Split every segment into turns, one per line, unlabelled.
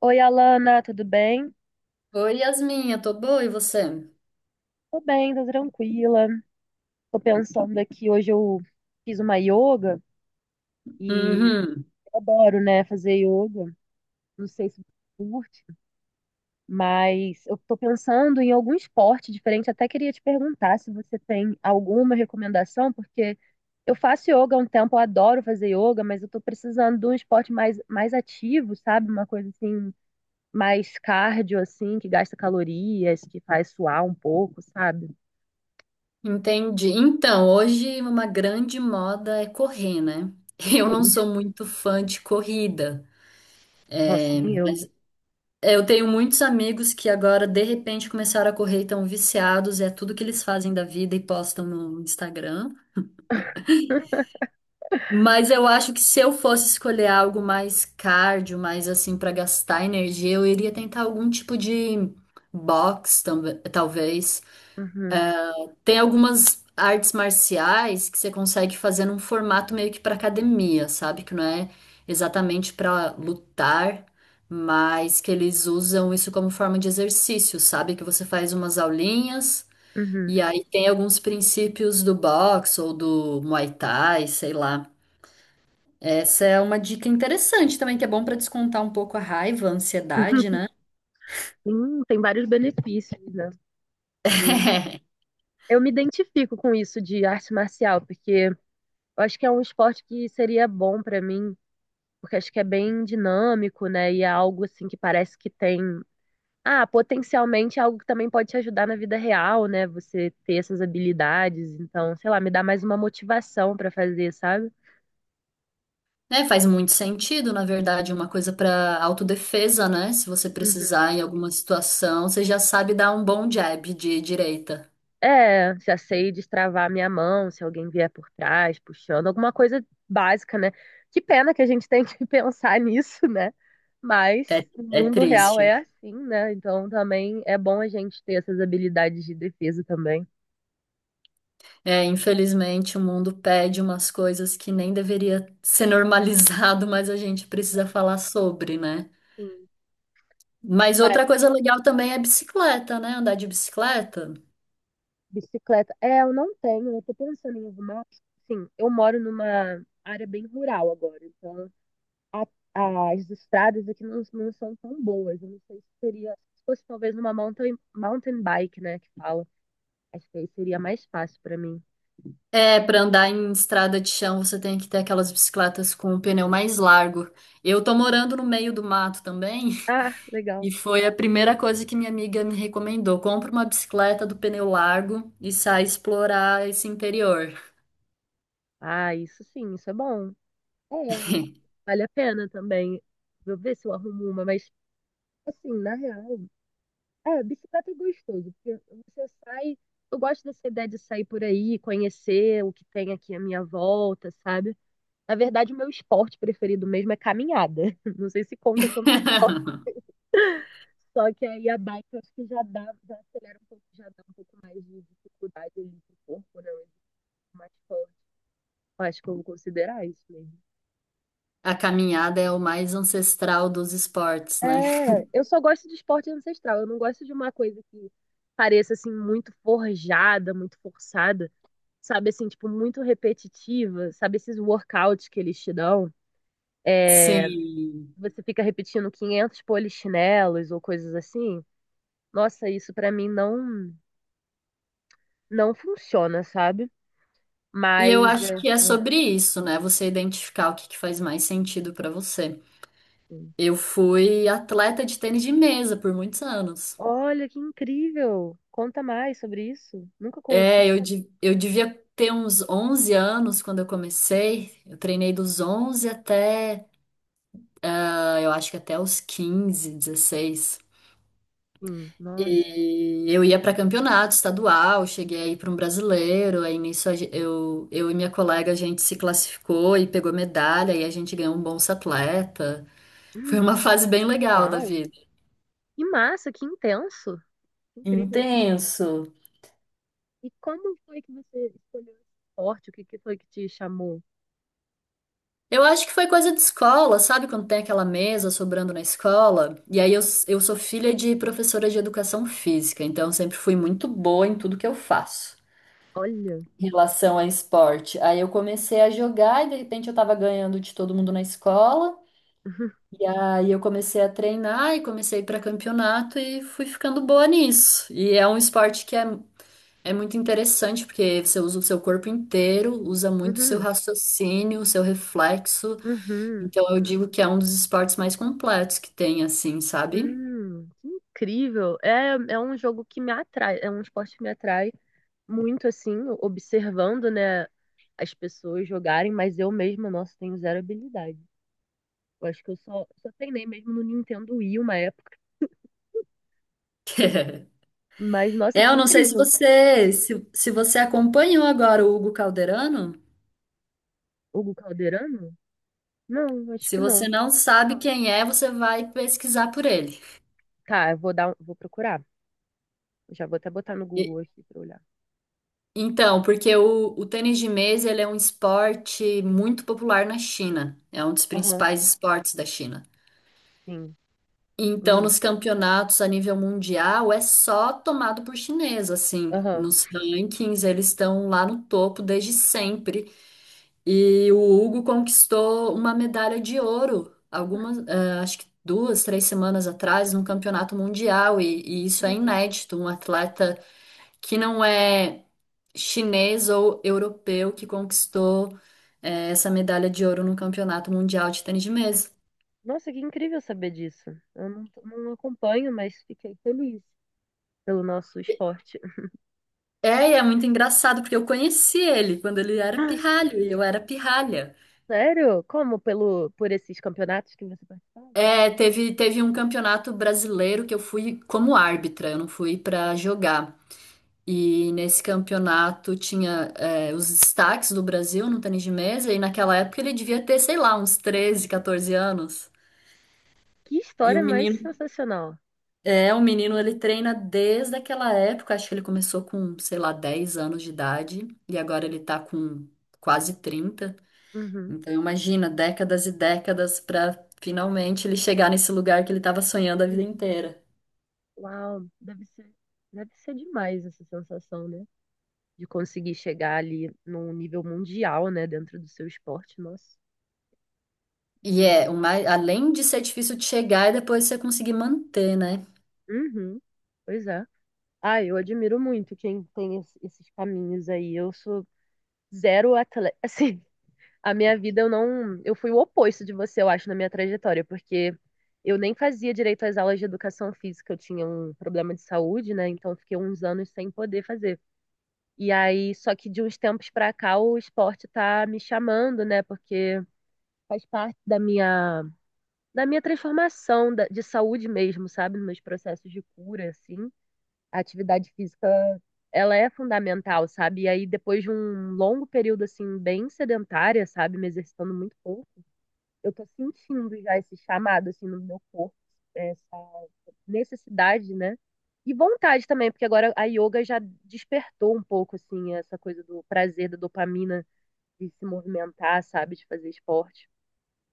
Oi, Alana, tudo bem?
Oi, Yasmin, eu tô boa, e você?
Tô bem, tô tranquila. Tô pensando aqui, hoje eu fiz uma yoga e
Uhum,
eu adoro, né, fazer yoga. Não sei se você curte, mas eu tô pensando em algum esporte diferente. Até queria te perguntar se você tem alguma recomendação, porque eu faço yoga há um tempo, eu adoro fazer yoga, mas eu tô precisando de um esporte mais ativo, sabe? Uma coisa assim, mais cardio, assim, que gasta calorias, que faz suar um pouco, sabe?
entendi. Então, hoje uma grande moda é correr, né? Eu não sou muito fã de corrida,
Nossa, nem eu.
mas eu tenho muitos amigos que agora de repente começaram a correr e estão viciados, é tudo que eles fazem da vida e postam no Instagram. Mas eu acho que se eu fosse escolher algo mais cardio, mais assim pra gastar energia, eu iria tentar algum tipo de box, talvez.
Uhum,
Tem algumas artes marciais que você consegue fazer num formato meio que para academia, sabe? Que não é exatamente para lutar, mas que eles usam isso como forma de exercício, sabe? Que você faz umas aulinhas
uhum.
e aí tem alguns princípios do boxe ou do Muay Thai, sei lá. Essa é uma dica interessante também, que é bom para descontar um pouco a raiva, a ansiedade, né?
Sim, tem vários benefícios, né? Porque eu me identifico com isso de arte marcial, porque eu acho que é um esporte que seria bom pra mim, porque acho que é bem dinâmico, né? E é algo assim que parece que tem. Ah, potencialmente é algo que também pode te ajudar na vida real, né? Você ter essas habilidades. Então, sei lá, me dá mais uma motivação pra fazer, sabe?
É, faz muito sentido, na verdade, uma coisa para autodefesa, né? Se você precisar em alguma situação, você já sabe dar um bom jab de direita.
É, já sei destravar minha mão se alguém vier por trás, puxando, alguma coisa básica, né? Que pena que a gente tem que pensar nisso, né? Mas
É,
o
é
mundo real
triste.
é assim, né? Então também é bom a gente ter essas habilidades de defesa também.
É, infelizmente, o mundo pede umas coisas que nem deveria ser normalizado, mas a gente precisa falar sobre, né?
Sim.
Mas
Mas
outra coisa legal também é bicicleta, né? Andar de bicicleta.
bicicleta, é, eu não tenho, eu tô pensando em arrumar. Sim, eu moro numa área bem rural agora, então as estradas aqui não são tão boas. Eu não sei se seria, se fosse talvez uma mountain bike, né, que fala. Acho que aí seria mais fácil pra mim.
É, para andar em estrada de chão, você tem que ter aquelas bicicletas com o pneu mais largo. Eu tô morando no meio do mato também.
Ah, legal.
E foi a primeira coisa que minha amiga me recomendou. Compra uma bicicleta do pneu largo e sai explorar esse interior.
Ah, isso sim, isso é bom. É, vale a pena também. Vou ver se eu arrumo uma, mas assim, na real, é, bicicleta é gostoso, porque você sai, eu gosto dessa ideia de sair por aí, conhecer o que tem aqui à minha volta, sabe? Na verdade, o meu esporte preferido mesmo é caminhada. Não sei se conta como esporte. Só que aí a bike eu acho que já dá, já acelera um pouco, já dá um pouco mais de dificuldade ali pro corpo, né? Um exercício mais forte. Eu acho que eu vou considerar isso mesmo.
A caminhada é o mais ancestral dos esportes, né?
É, eu só gosto de esporte ancestral. Eu não gosto de uma coisa que pareça assim muito forjada, muito forçada, sabe assim, tipo muito repetitiva, sabe esses workouts que eles te dão,
Sim.
você fica repetindo 500 polichinelos ou coisas assim. Nossa, isso pra mim não funciona, sabe?
E eu
Mas
acho
é, é,
que é sobre isso, né? Você identificar o que que faz mais sentido pra você.
é.
Eu fui atleta de tênis de mesa por muitos anos.
Olha, que incrível! Conta mais sobre isso. Nunca conheci.
É, eu devia ter uns 11 anos quando eu comecei. Eu treinei dos 11 até eu acho que até os 15, 16.
Nossa.
E eu ia para campeonato estadual, cheguei aí para um brasileiro, aí nisso eu e minha colega a gente se classificou e pegou medalha e a gente ganhou um Bolsa Atleta. Foi
Hum,
uma fase bem legal da
Uau!
vida.
Que massa, que intenso. Incrível.
Intenso.
E como foi que você escolheu esse esporte? O que que foi que te chamou?
Eu acho que foi coisa de escola, sabe? Quando tem aquela mesa sobrando na escola. E aí eu sou filha de professora de educação física, então eu sempre fui muito boa em tudo que eu faço
Olha.
em relação a esporte. Aí eu comecei a jogar e de repente eu tava ganhando de todo mundo na escola. E aí eu comecei a treinar e comecei para campeonato e fui ficando boa nisso. E é um esporte que é, é muito interessante porque você usa o seu corpo inteiro, usa muito o seu
Uhum.
raciocínio, o seu reflexo.
Uhum.
Então eu digo que é um dos esportes mais completos que tem, assim, sabe?
Uhum. Que incrível. É, é um jogo que me atrai, é um esporte que me atrai muito assim, observando, né, as pessoas jogarem, mas eu mesma, nossa, tenho zero habilidade. Eu acho que eu só treinei mesmo no Nintendo Wii uma época. Mas, nossa,
É,
que
eu não sei se
incrível.
você se, se você acompanhou agora o Hugo Calderano.
Hugo Calderano? Não, acho
Se
que não.
você não sabe quem é, você vai pesquisar por ele.
Tá, eu vou dar, um, vou procurar. Já vou até botar no
E
Google aqui pra olhar.
então, porque o tênis de mesa, ele é um esporte muito popular na China. É um dos
Aham,
principais esportes da China.
sim.
Então,
Hum,
nos campeonatos a nível mundial, é só tomado por chinês, assim.
aham.
Nos rankings, eles estão lá no topo desde sempre. E o Hugo conquistou uma medalha de ouro, algumas, acho que 2, 3 semanas atrás, no campeonato mundial. E isso é
Incrível.
inédito, um atleta que não é chinês ou europeu que conquistou é, essa medalha de ouro no Campeonato Mundial de Tênis de Mesa.
Nossa, que incrível saber disso. Eu não acompanho, mas fiquei feliz pelo nosso esporte.
É, e é muito engraçado, porque eu conheci ele quando ele era pirralho e eu era pirralha.
Sério? Como? Pelo, por esses campeonatos que você participava?
É, teve um campeonato brasileiro que eu fui como árbitra, eu não fui pra jogar. E nesse campeonato tinha, é, os destaques do Brasil no tênis de mesa, e naquela época ele devia ter, sei lá, uns 13, 14 anos.
Que
E o
história mais
menino
sensacional.
o menino ele treina desde aquela época, acho que ele começou com, sei lá, 10 anos de idade e agora ele tá com quase 30.
Uhum,
Então imagina, décadas e décadas pra finalmente ele chegar nesse lugar que ele tava sonhando a vida
uhum.
inteira.
Uau, deve ser demais essa sensação, né? De conseguir chegar ali num nível mundial, né? Dentro do seu esporte. Nossa,
E
incrível.
é, o mais, além de ser difícil de chegar e depois você conseguir manter, né?
Uhum, pois é. Ah, eu admiro muito quem tem esses caminhos aí. Eu sou zero atleta. Assim, a minha vida eu não. Eu fui o oposto de você, eu acho, na minha trajetória, porque eu nem fazia direito às aulas de educação física. Eu tinha um problema de saúde, né? Então eu fiquei uns anos sem poder fazer. E aí, só que de uns tempos pra cá o esporte tá me chamando, né? Porque faz parte da minha transformação de saúde mesmo, sabe? Nos meus processos de cura, assim. A atividade física, ela é fundamental, sabe? E aí, depois de um longo período, assim, bem sedentária, sabe? Me exercitando muito pouco, eu tô sentindo já esse chamado, assim, no meu corpo, essa necessidade, né? E vontade também, porque agora a yoga já despertou um pouco, assim, essa coisa do prazer, da dopamina, de se movimentar, sabe? De fazer esporte.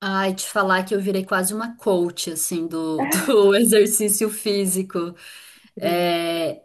Ai, te falar que eu virei quase uma coach, assim, do, do exercício físico.
Incrível.
É,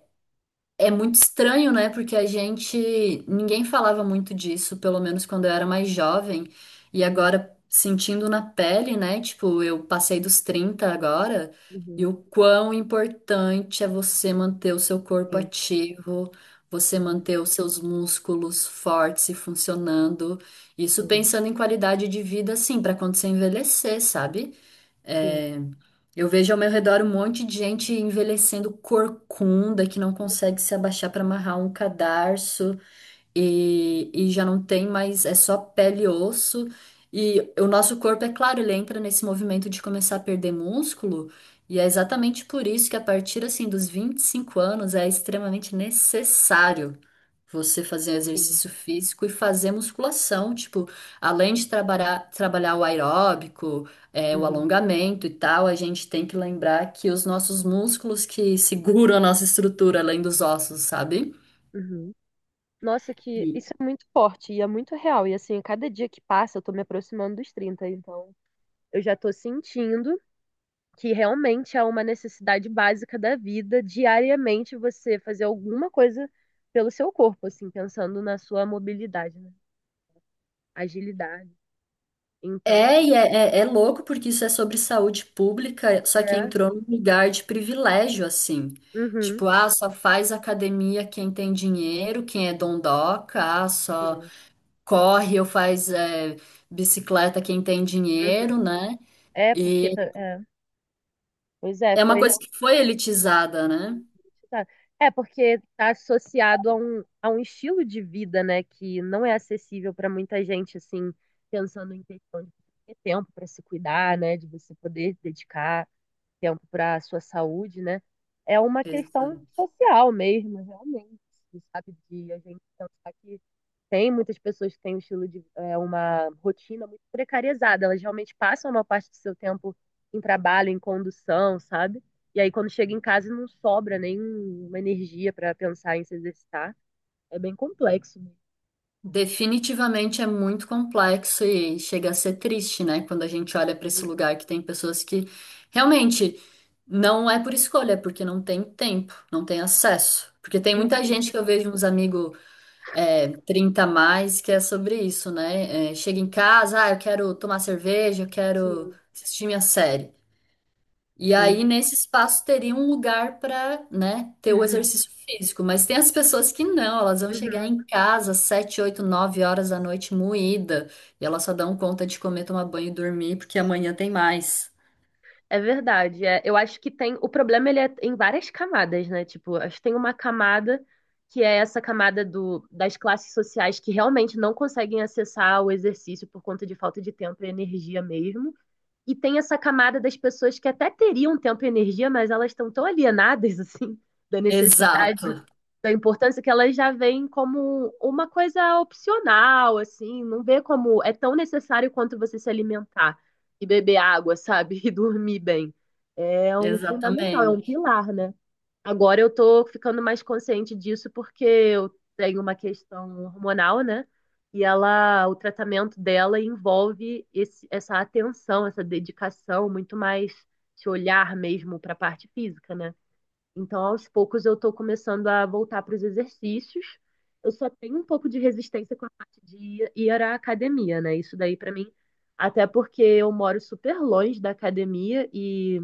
é muito estranho, né? Porque a gente, ninguém falava muito disso, pelo menos quando eu era mais jovem. E
Uhum,
agora, sentindo na pele, né? Tipo, eu passei dos 30 agora, e
uhum,
o quão importante é você manter o seu corpo
sim,
ativo, você
uhum,
manter os seus músculos fortes e funcionando. Isso
sim,
pensando em qualidade de vida, assim, para quando você envelhecer, sabe?
sim,
É, eu vejo ao meu redor um monte de gente envelhecendo corcunda, que não consegue se abaixar para amarrar um cadarço e já não tem mais, é só pele e osso. E o nosso corpo, é claro, ele entra nesse movimento de começar a perder músculo, e é exatamente por isso que a partir assim dos 25 anos é extremamente necessário você fazer
sim,
exercício físico e fazer musculação, tipo, além de trabalhar o aeróbico, é, o
uhum,
alongamento e tal, a gente tem que lembrar que os nossos músculos que seguram a nossa estrutura, além dos ossos, sabe?
uhum. Nossa, que isso é muito forte e é muito real. E assim, a cada dia que passa, eu tô me aproximando dos 30, então eu já tô sentindo que realmente é uma necessidade básica da vida, diariamente você fazer alguma coisa pelo seu corpo, assim, pensando na sua mobilidade, né? Agilidade. Então,
É, e é, é louco porque isso é sobre saúde pública, só que
é.
entrou num lugar de privilégio, assim.
Uhum.
Tipo, ah, só faz academia quem tem dinheiro, quem é dondoca, ah, só
Sim.
corre ou faz é, bicicleta quem tem
Uhum.
dinheiro, né?
É, porque
E
é. Pois é,
é uma
foi
coisa que
realmente.
foi elitizada, né?
Tá. É, porque está associado a um estilo de vida, né, que não é acessível para muita gente, assim, pensando em questão de ter tempo para se cuidar, né, de você poder dedicar tempo para a sua saúde, né? É uma questão
Exato.
social mesmo, realmente, sabe? De a gente pensar que tem muitas pessoas que têm um estilo de é, uma rotina muito precarizada, elas realmente passam uma parte do seu tempo em trabalho, em condução, sabe? E aí quando chega em casa não sobra nenhuma energia para pensar em se exercitar. É bem complexo mesmo.
Definitivamente é muito complexo e chega a ser triste, né? Quando a gente olha para esse lugar que tem pessoas que realmente não é por escolha, é porque não tem tempo, não tem acesso. Porque tem muita
Uhum,
gente que eu vejo uns amigos é, 30 a mais que é sobre isso, né? É, chega em
uhum.
casa, ah, eu quero tomar cerveja, eu quero
Sim,
assistir minha série. E
sim.
aí, nesse espaço, teria um lugar para, né, ter o
Uhum,
exercício físico. Mas tem as pessoas que não, elas vão chegar
uhum.
em casa às 7, 8, 9 horas da noite moída. E elas só dão conta de comer, tomar banho e dormir, porque
Sim.
amanhã tem mais.
É verdade, é. Eu acho que tem. O problema ele é em várias camadas, né? Tipo, acho que tem uma camada que é essa camada do, das classes sociais que realmente não conseguem acessar o exercício por conta de falta de tempo e energia mesmo. E tem essa camada das pessoas que até teriam tempo e energia, mas elas estão tão alienadas, assim, da necessidade
Exato,
da importância que elas já veem como uma coisa opcional, assim, não vê como é tão necessário quanto você se alimentar e beber água, sabe? E dormir bem. É um fundamental, é um
exatamente.
pilar, né? Agora eu tô ficando mais consciente disso porque eu tenho uma questão hormonal, né? E ela, o tratamento dela envolve essa atenção, essa dedicação, muito mais se olhar mesmo para a parte física, né? Então, aos poucos, eu estou começando a voltar para os exercícios. Eu só tenho um pouco de resistência com a parte de ir à academia, né? Isso daí para mim, até porque eu moro super longe da academia e,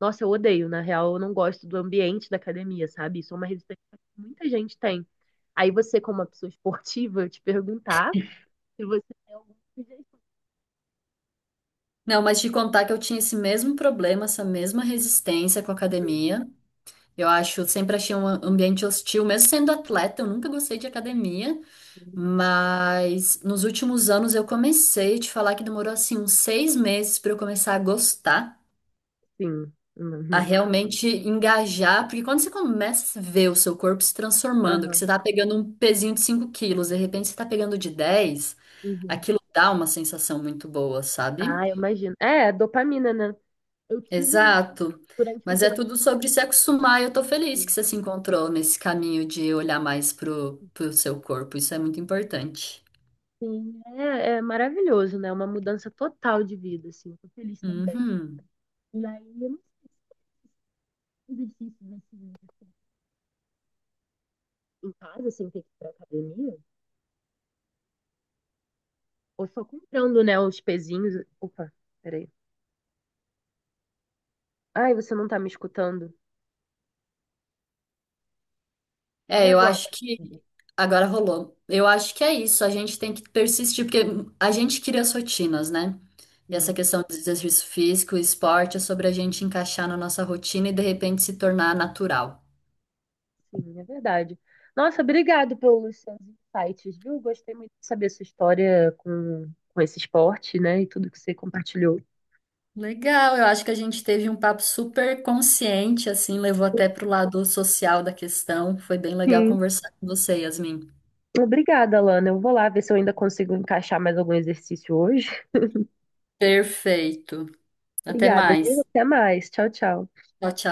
nossa, eu odeio, na real, eu não gosto do ambiente da academia, sabe? Isso é uma resistência que muita gente tem. Aí você, como uma pessoa esportiva, eu te perguntar se você tem alguma sugestão.
Não, mas te contar que eu tinha esse mesmo problema, essa mesma resistência com a academia. Eu acho, sempre achei um ambiente hostil, mesmo sendo atleta, eu nunca gostei de academia. Mas nos últimos anos eu comecei te falar que demorou assim uns 6 meses para eu começar a gostar,
Sim.
a
Uhum.
realmente engajar, porque quando você começa a ver o seu corpo se transformando, que
Aham.
você tá pegando um pezinho de 5 quilos, de repente você tá pegando de 10,
Uhum.
aquilo dá uma sensação muito boa, sabe?
Ah, eu imagino. É, dopamina, né? Eu tive um,
Exato.
durante um
Mas é
período.
tudo sobre se acostumar e eu tô feliz que você se encontrou nesse caminho de olhar mais pro seu corpo. Isso é muito importante.
Sim, é, é maravilhoso, né? É uma mudança total de vida, assim. Eu tô feliz também.
Uhum.
E aí, eu não sei se tem exercícios assim, em casa, sem ter que ir pra academia, ou só comprando, né, os pezinhos. Opa, peraí. Ai, você não tá me escutando? E
É, eu
agora?
acho que agora rolou. Eu acho que é isso. A gente tem que persistir, porque a gente cria as rotinas, né? E essa
Sim,
questão do exercício físico, esporte, é sobre a gente encaixar na nossa rotina e de repente se tornar natural.
sim, é verdade. Nossa, obrigado pelos seus insights, viu? Gostei muito de saber a sua história com esse esporte, né, e tudo que você compartilhou.
Legal, eu acho que a gente teve um papo super consciente, assim, levou até pro lado social da questão. Foi bem legal
Sim,
conversar com você, Yasmin.
obrigada, Lana. Eu vou lá ver se eu ainda consigo encaixar mais algum exercício hoje.
Perfeito. Até
Obrigada, viu?
mais.
Até mais. Tchau, tchau.
Tchau, tchau.